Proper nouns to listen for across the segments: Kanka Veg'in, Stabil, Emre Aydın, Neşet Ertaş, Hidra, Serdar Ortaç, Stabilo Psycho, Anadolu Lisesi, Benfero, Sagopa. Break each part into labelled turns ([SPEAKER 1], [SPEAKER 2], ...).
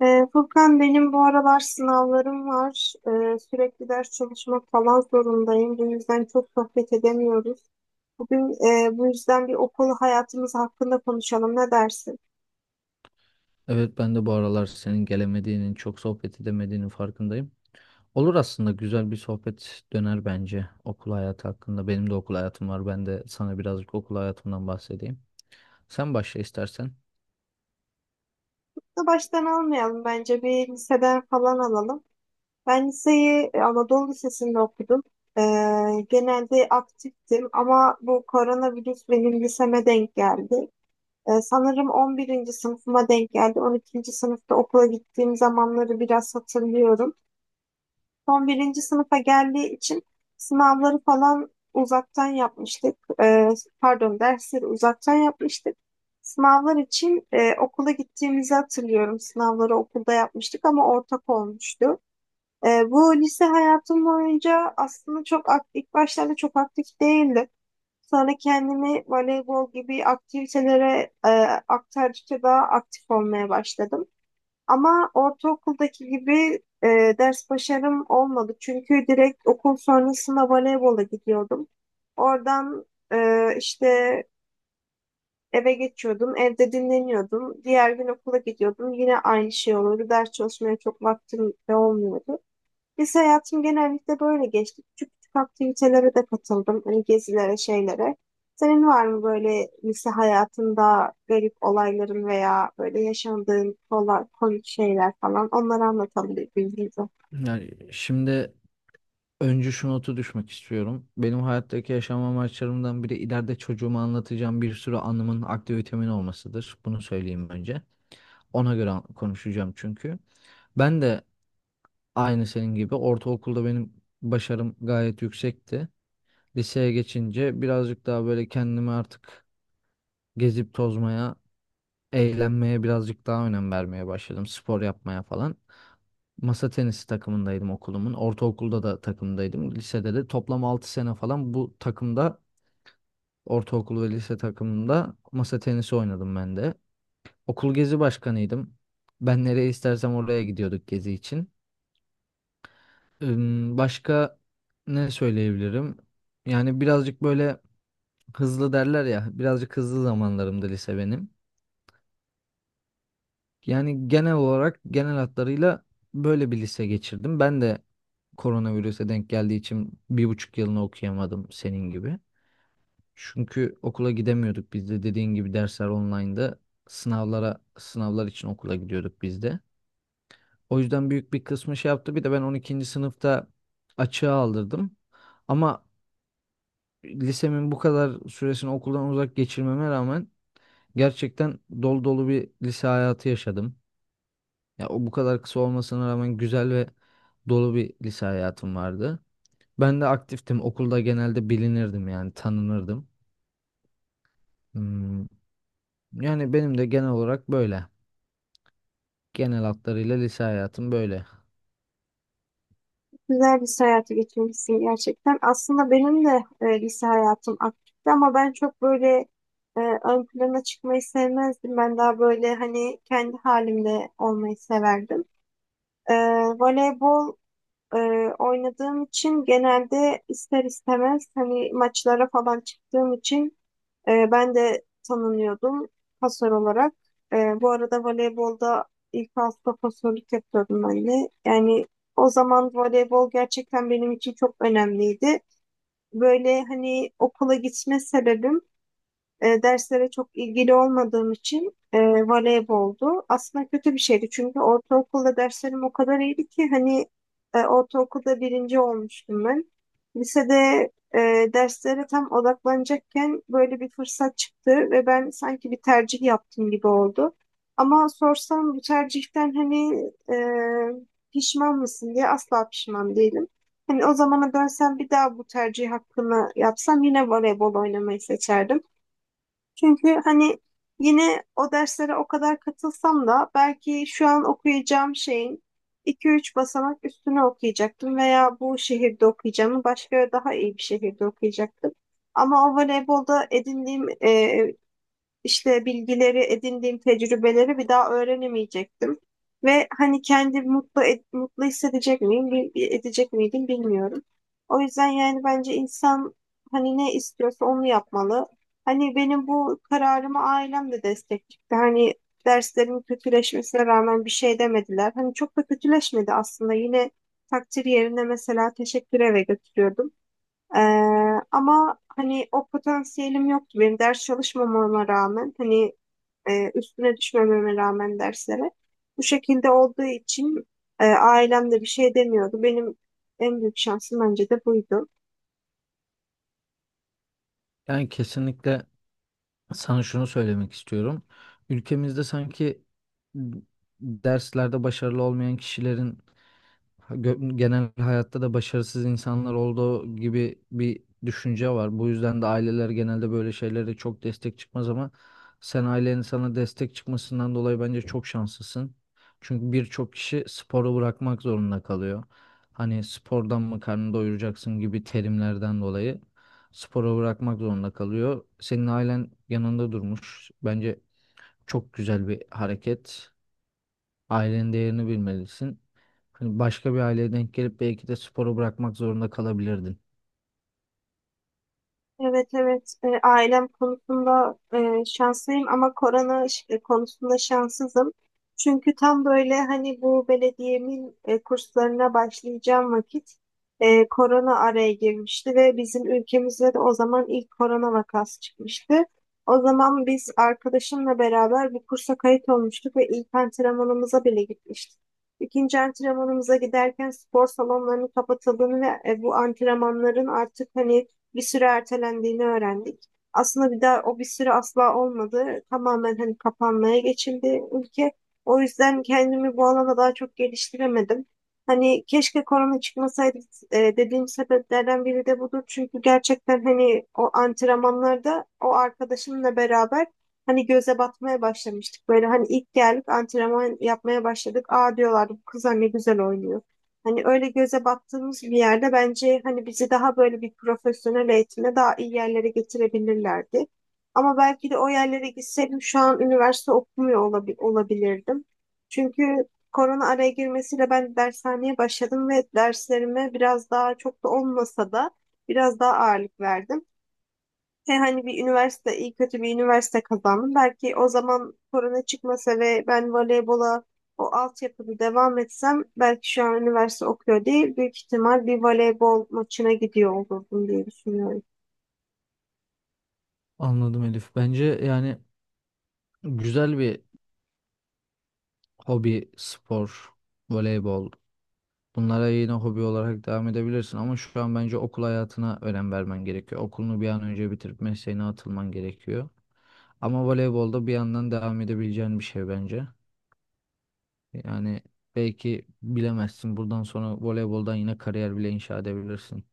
[SPEAKER 1] Furkan, benim bu aralar sınavlarım var. Sürekli ders çalışmak falan zorundayım. Bu yüzden çok sohbet edemiyoruz. Bugün bu yüzden bir okul hayatımız hakkında konuşalım. Ne dersin?
[SPEAKER 2] Evet ben de bu aralar senin gelemediğinin, çok sohbet edemediğinin farkındayım. Olur, aslında güzel bir sohbet döner bence okul hayatı hakkında. Benim de okul hayatım var. Ben de sana birazcık okul hayatımdan bahsedeyim. Sen başla istersen.
[SPEAKER 1] Da baştan almayalım bence. Bir liseden falan alalım. Ben liseyi Anadolu Lisesi'nde okudum. Ee, Genelde aktiftim ama bu koronavirüs benim liseme denk geldi. Sanırım 11. sınıfıma denk geldi. 12. sınıfta okula gittiğim zamanları biraz hatırlıyorum. Son birinci sınıfa geldiği için sınavları falan uzaktan yapmıştık. Ee, Pardon, dersleri uzaktan yapmıştık. Sınavlar için okula gittiğimizi hatırlıyorum. Sınavları okulda yapmıştık ama ortak olmuştu. Bu lise hayatım boyunca aslında çok ilk başlarda çok aktif değildi. Sonra kendimi voleybol gibi aktivitelere aktardıkça daha aktif olmaya başladım. Ama ortaokuldaki gibi ders başarım olmadı. Çünkü direkt okul sonrasında voleybola gidiyordum. Oradan işte eve geçiyordum, evde dinleniyordum. Diğer gün okula gidiyordum. Yine aynı şey oluyordu. Ders çalışmaya çok vaktim de olmuyordu. Biz hayatım genellikle böyle geçti. Küçük küçük aktivitelere de katıldım. Hani gezilere, şeylere. Senin var mı böyle lise hayatında garip olayların veya böyle yaşandığın kolay, komik şeyler falan? Onları anlatalım birbirimize.
[SPEAKER 2] Yani şimdi önce şu notu düşmek istiyorum. Benim hayattaki yaşam amaçlarımdan biri ileride çocuğuma anlatacağım bir sürü anımın, aktivitemin olmasıdır. Bunu söyleyeyim önce. Konuşacağım çünkü. Ben de aynı senin gibi ortaokulda benim başarım gayet yüksekti. Liseye geçince birazcık daha böyle kendimi artık gezip tozmaya, eğlenmeye birazcık daha önem vermeye başladım. Spor yapmaya falan. Masa tenisi takımındaydım okulumun. Ortaokulda da takımdaydım. Lisede de toplam 6 sene falan bu takımda, ortaokul ve lise takımında masa tenisi oynadım ben de. Okul gezi başkanıydım. Ben nereye istersem oraya gidiyorduk gezi için. Başka ne söyleyebilirim? Yani birazcık böyle hızlı derler ya, birazcık hızlı zamanlarımdı lise benim. Yani genel olarak, genel hatlarıyla böyle bir lise geçirdim. Ben de koronavirüse denk geldiği için 1,5 yılını okuyamadım senin gibi. Çünkü okula gidemiyorduk biz de, dediğin gibi dersler online'da, sınavlar için okula gidiyorduk biz de. O yüzden büyük bir kısmı şey yaptı. Bir de ben 12. sınıfta açığa aldırdım. Ama lisemin bu kadar süresini okuldan uzak geçirmeme rağmen gerçekten dolu dolu bir lise hayatı yaşadım. Ya o bu kadar kısa olmasına rağmen güzel ve dolu bir lise hayatım vardı. Ben de aktiftim. Okulda genelde bilinirdim, yani tanınırdım. Hmm, Yani benim de genel olarak böyle. Genel hatlarıyla lise hayatım böyle.
[SPEAKER 1] Güzel lise hayatı geçirmişsin gerçekten. Aslında benim de lise hayatım aktifti ama ben çok böyle ön plana çıkmayı sevmezdim. Ben daha böyle hani kendi halimde olmayı severdim. E, Voleybol e, oynadığım için genelde ister istemez hani maçlara falan çıktığım için ben de tanınıyordum, pasör olarak. Bu arada voleybolda ilk hafta pasörlük yapıyordum ben de. Yani o zaman voleybol gerçekten benim için çok önemliydi. Böyle hani okula gitme sebebim, derslere çok ilgili olmadığım için, voleyboldu. Aslında kötü bir şeydi çünkü ortaokulda derslerim o kadar iyiydi ki hani ortaokulda birinci olmuştum ben. Lisede e, derslere tam odaklanacakken böyle bir fırsat çıktı ve ben sanki bir tercih yaptım gibi oldu. Ama sorsam bu tercihten hani e, pişman mısın diye, asla pişman değilim. Hani o zamana dönsem bir daha bu tercih hakkını yapsam yine voleybol oynamayı seçerdim. Çünkü hani yine o derslere o kadar katılsam da belki şu an okuyacağım şeyin iki üç basamak üstüne okuyacaktım veya bu şehirde okuyacağımı başka daha iyi bir şehirde okuyacaktım. Ama o voleybolda edindiğim işte bilgileri, edindiğim tecrübeleri bir daha öğrenemeyecektim. Ve hani kendimi mutlu hissedecek miyim, edecek miydim bilmiyorum. O yüzden yani bence insan hani ne istiyorsa onu yapmalı. Hani benim bu kararımı ailem de destek çıktı. Hani derslerimin kötüleşmesine rağmen bir şey demediler. Hani çok da kötüleşmedi aslında. Yine takdir yerine mesela teşekkür eve götürüyordum. Ee, Ama hani o potansiyelim yoktu benim ders çalışmamama rağmen, hani üstüne düşmememe rağmen derslere, bu şekilde olduğu için ailem de bir şey demiyordu. Benim en büyük şansım bence de buydu.
[SPEAKER 2] Yani kesinlikle sana şunu söylemek istiyorum. Ülkemizde sanki derslerde başarılı olmayan kişilerin genel hayatta da başarısız insanlar olduğu gibi bir düşünce var. Bu yüzden de aileler genelde böyle şeylere çok destek çıkmaz ama sen ailenin sana destek çıkmasından dolayı bence çok şanslısın. Çünkü birçok kişi sporu bırakmak zorunda kalıyor. Hani spordan mı karnını doyuracaksın gibi terimlerden dolayı sporu bırakmak zorunda kalıyor. Senin ailen yanında durmuş. Bence çok güzel bir hareket. Ailenin değerini bilmelisin. Hani başka bir aileye denk gelip belki de sporu bırakmak zorunda kalabilirdin.
[SPEAKER 1] Evet, evet. Ailem konusunda şanslıyım ama korona konusunda şanssızım. Çünkü tam böyle hani bu belediyemin kurslarına başlayacağım vakit korona araya girmişti ve bizim ülkemizde de o zaman ilk korona vakası çıkmıştı. O zaman biz arkadaşımla beraber bir kursa kayıt olmuştuk ve ilk antrenmanımıza bile gitmiştik. İkinci antrenmanımıza giderken spor salonlarının kapatıldığını ve bu antrenmanların artık hani bir süre ertelendiğini öğrendik. Aslında bir daha o bir süre asla olmadı. Tamamen hani kapanmaya geçildi ülke. O yüzden kendimi bu alana daha çok geliştiremedim. Hani keşke korona çıkmasaydı dediğim sebeplerden biri de budur. Çünkü gerçekten hani o antrenmanlarda o arkadaşımla beraber hani göze batmaya başlamıştık. Böyle hani ilk geldik, antrenman yapmaya başladık. Aa, diyorlardı, bu kızlar ne güzel oynuyor. Hani öyle göze battığımız bir yerde bence hani bizi daha böyle bir profesyonel eğitimle daha iyi yerlere getirebilirlerdi. Ama belki de o yerlere gitseydim şu an üniversite olabilirdim. Çünkü korona araya girmesiyle ben dershaneye başladım ve derslerime biraz daha, çok da olmasa da, biraz daha ağırlık verdim. He, hani bir üniversite, iyi kötü bir üniversite kazandım. Belki o zaman korona çıkmasa ve ben voleybola o altyapıda devam etsem belki şu an üniversite okuyor değil, büyük ihtimal bir voleybol maçına gidiyor olurdum diye düşünüyorum.
[SPEAKER 2] Anladım Elif. Bence yani güzel bir hobi, spor, voleybol. Bunlara yine hobi olarak devam edebilirsin ama şu an bence okul hayatına önem vermen gerekiyor. Okulunu bir an önce bitirip mesleğine atılman gerekiyor. Ama voleybolda bir yandan devam edebileceğin bir şey bence. Yani belki bilemezsin. Buradan sonra voleyboldan yine kariyer bile inşa edebilirsin.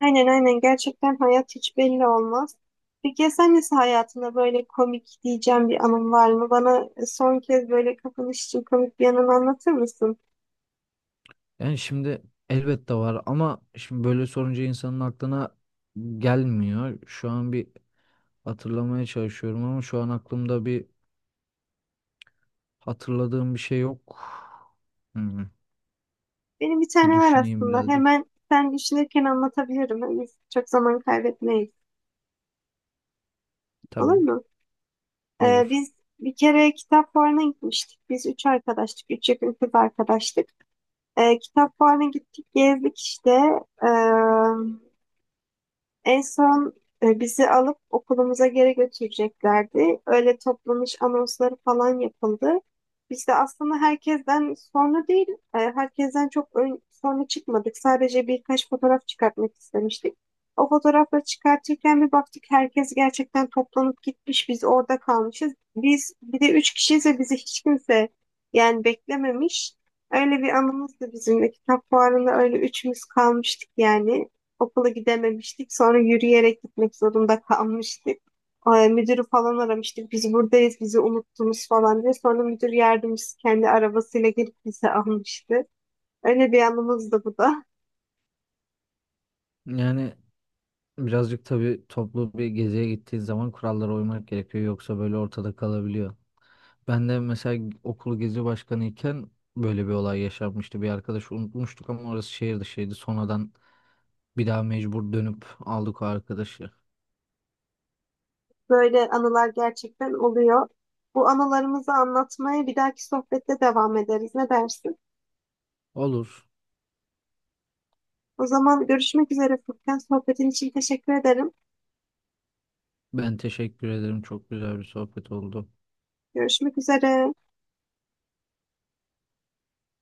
[SPEAKER 1] Aynen, aynen, gerçekten hayat hiç belli olmaz. Peki ya sen nasıl, hayatında böyle komik diyeceğim bir anın var mı? Bana son kez böyle kapanış için komik bir anını anlatır mısın?
[SPEAKER 2] Yani şimdi elbette var ama şimdi böyle sorunca insanın aklına gelmiyor. Şu an bir hatırlamaya çalışıyorum ama şu an aklımda bir hatırladığım bir şey yok. Hmm,
[SPEAKER 1] Benim bir
[SPEAKER 2] Bir
[SPEAKER 1] tane var
[SPEAKER 2] düşüneyim
[SPEAKER 1] aslında.
[SPEAKER 2] birazcık.
[SPEAKER 1] Hemen sen düşünürken anlatabilirim. Hani biz çok zaman kaybetmeyiz. Olur
[SPEAKER 2] Tabii,
[SPEAKER 1] mu?
[SPEAKER 2] olur.
[SPEAKER 1] Biz bir kere kitap fuarına gitmiştik. Biz üç arkadaştık. Üç yakın kız arkadaştık. Kitap fuarına gittik, gezdik işte. Ee, En son bizi alıp okulumuza geri götüreceklerdi. Öyle toplanış anonsları falan yapıldı. Biz de aslında herkesten sonra değil, herkesten çok ön, sonra çıkmadık. Sadece birkaç fotoğraf çıkartmak istemiştik. O fotoğrafları çıkartırken bir baktık, herkes gerçekten toplanıp gitmiş. Biz orada kalmışız. Biz bir de üç kişiyiz ve bizi hiç kimse, yani, beklememiş. Öyle bir anımızdı bizim de, kitap fuarında öyle üçümüz kalmıştık yani. Okula gidememiştik. Sonra yürüyerek gitmek zorunda kalmıştık. Müdürü falan aramıştık. Biz buradayız, bizi unuttunuz falan diye. Sonra müdür yardımcısı kendi arabasıyla gelip bizi almıştı. Öyle bir anımız da bu da.
[SPEAKER 2] Yani birazcık tabii toplu bir geziye gittiğin zaman kurallara uymak gerekiyor, yoksa böyle ortada kalabiliyor. Ben de mesela okul gezi başkanıyken böyle bir olay yaşanmıştı. Bir arkadaşı unutmuştuk ama orası şehir dışıydı. Sonradan bir daha mecbur dönüp aldık o arkadaşı.
[SPEAKER 1] Böyle anılar gerçekten oluyor. Bu anılarımızı anlatmaya bir dahaki sohbette devam ederiz. Ne dersin?
[SPEAKER 2] Olur.
[SPEAKER 1] O zaman görüşmek üzere Furkan. Sohbetin için teşekkür ederim.
[SPEAKER 2] Ben teşekkür ederim. Çok güzel bir sohbet oldu.
[SPEAKER 1] Görüşmek üzere.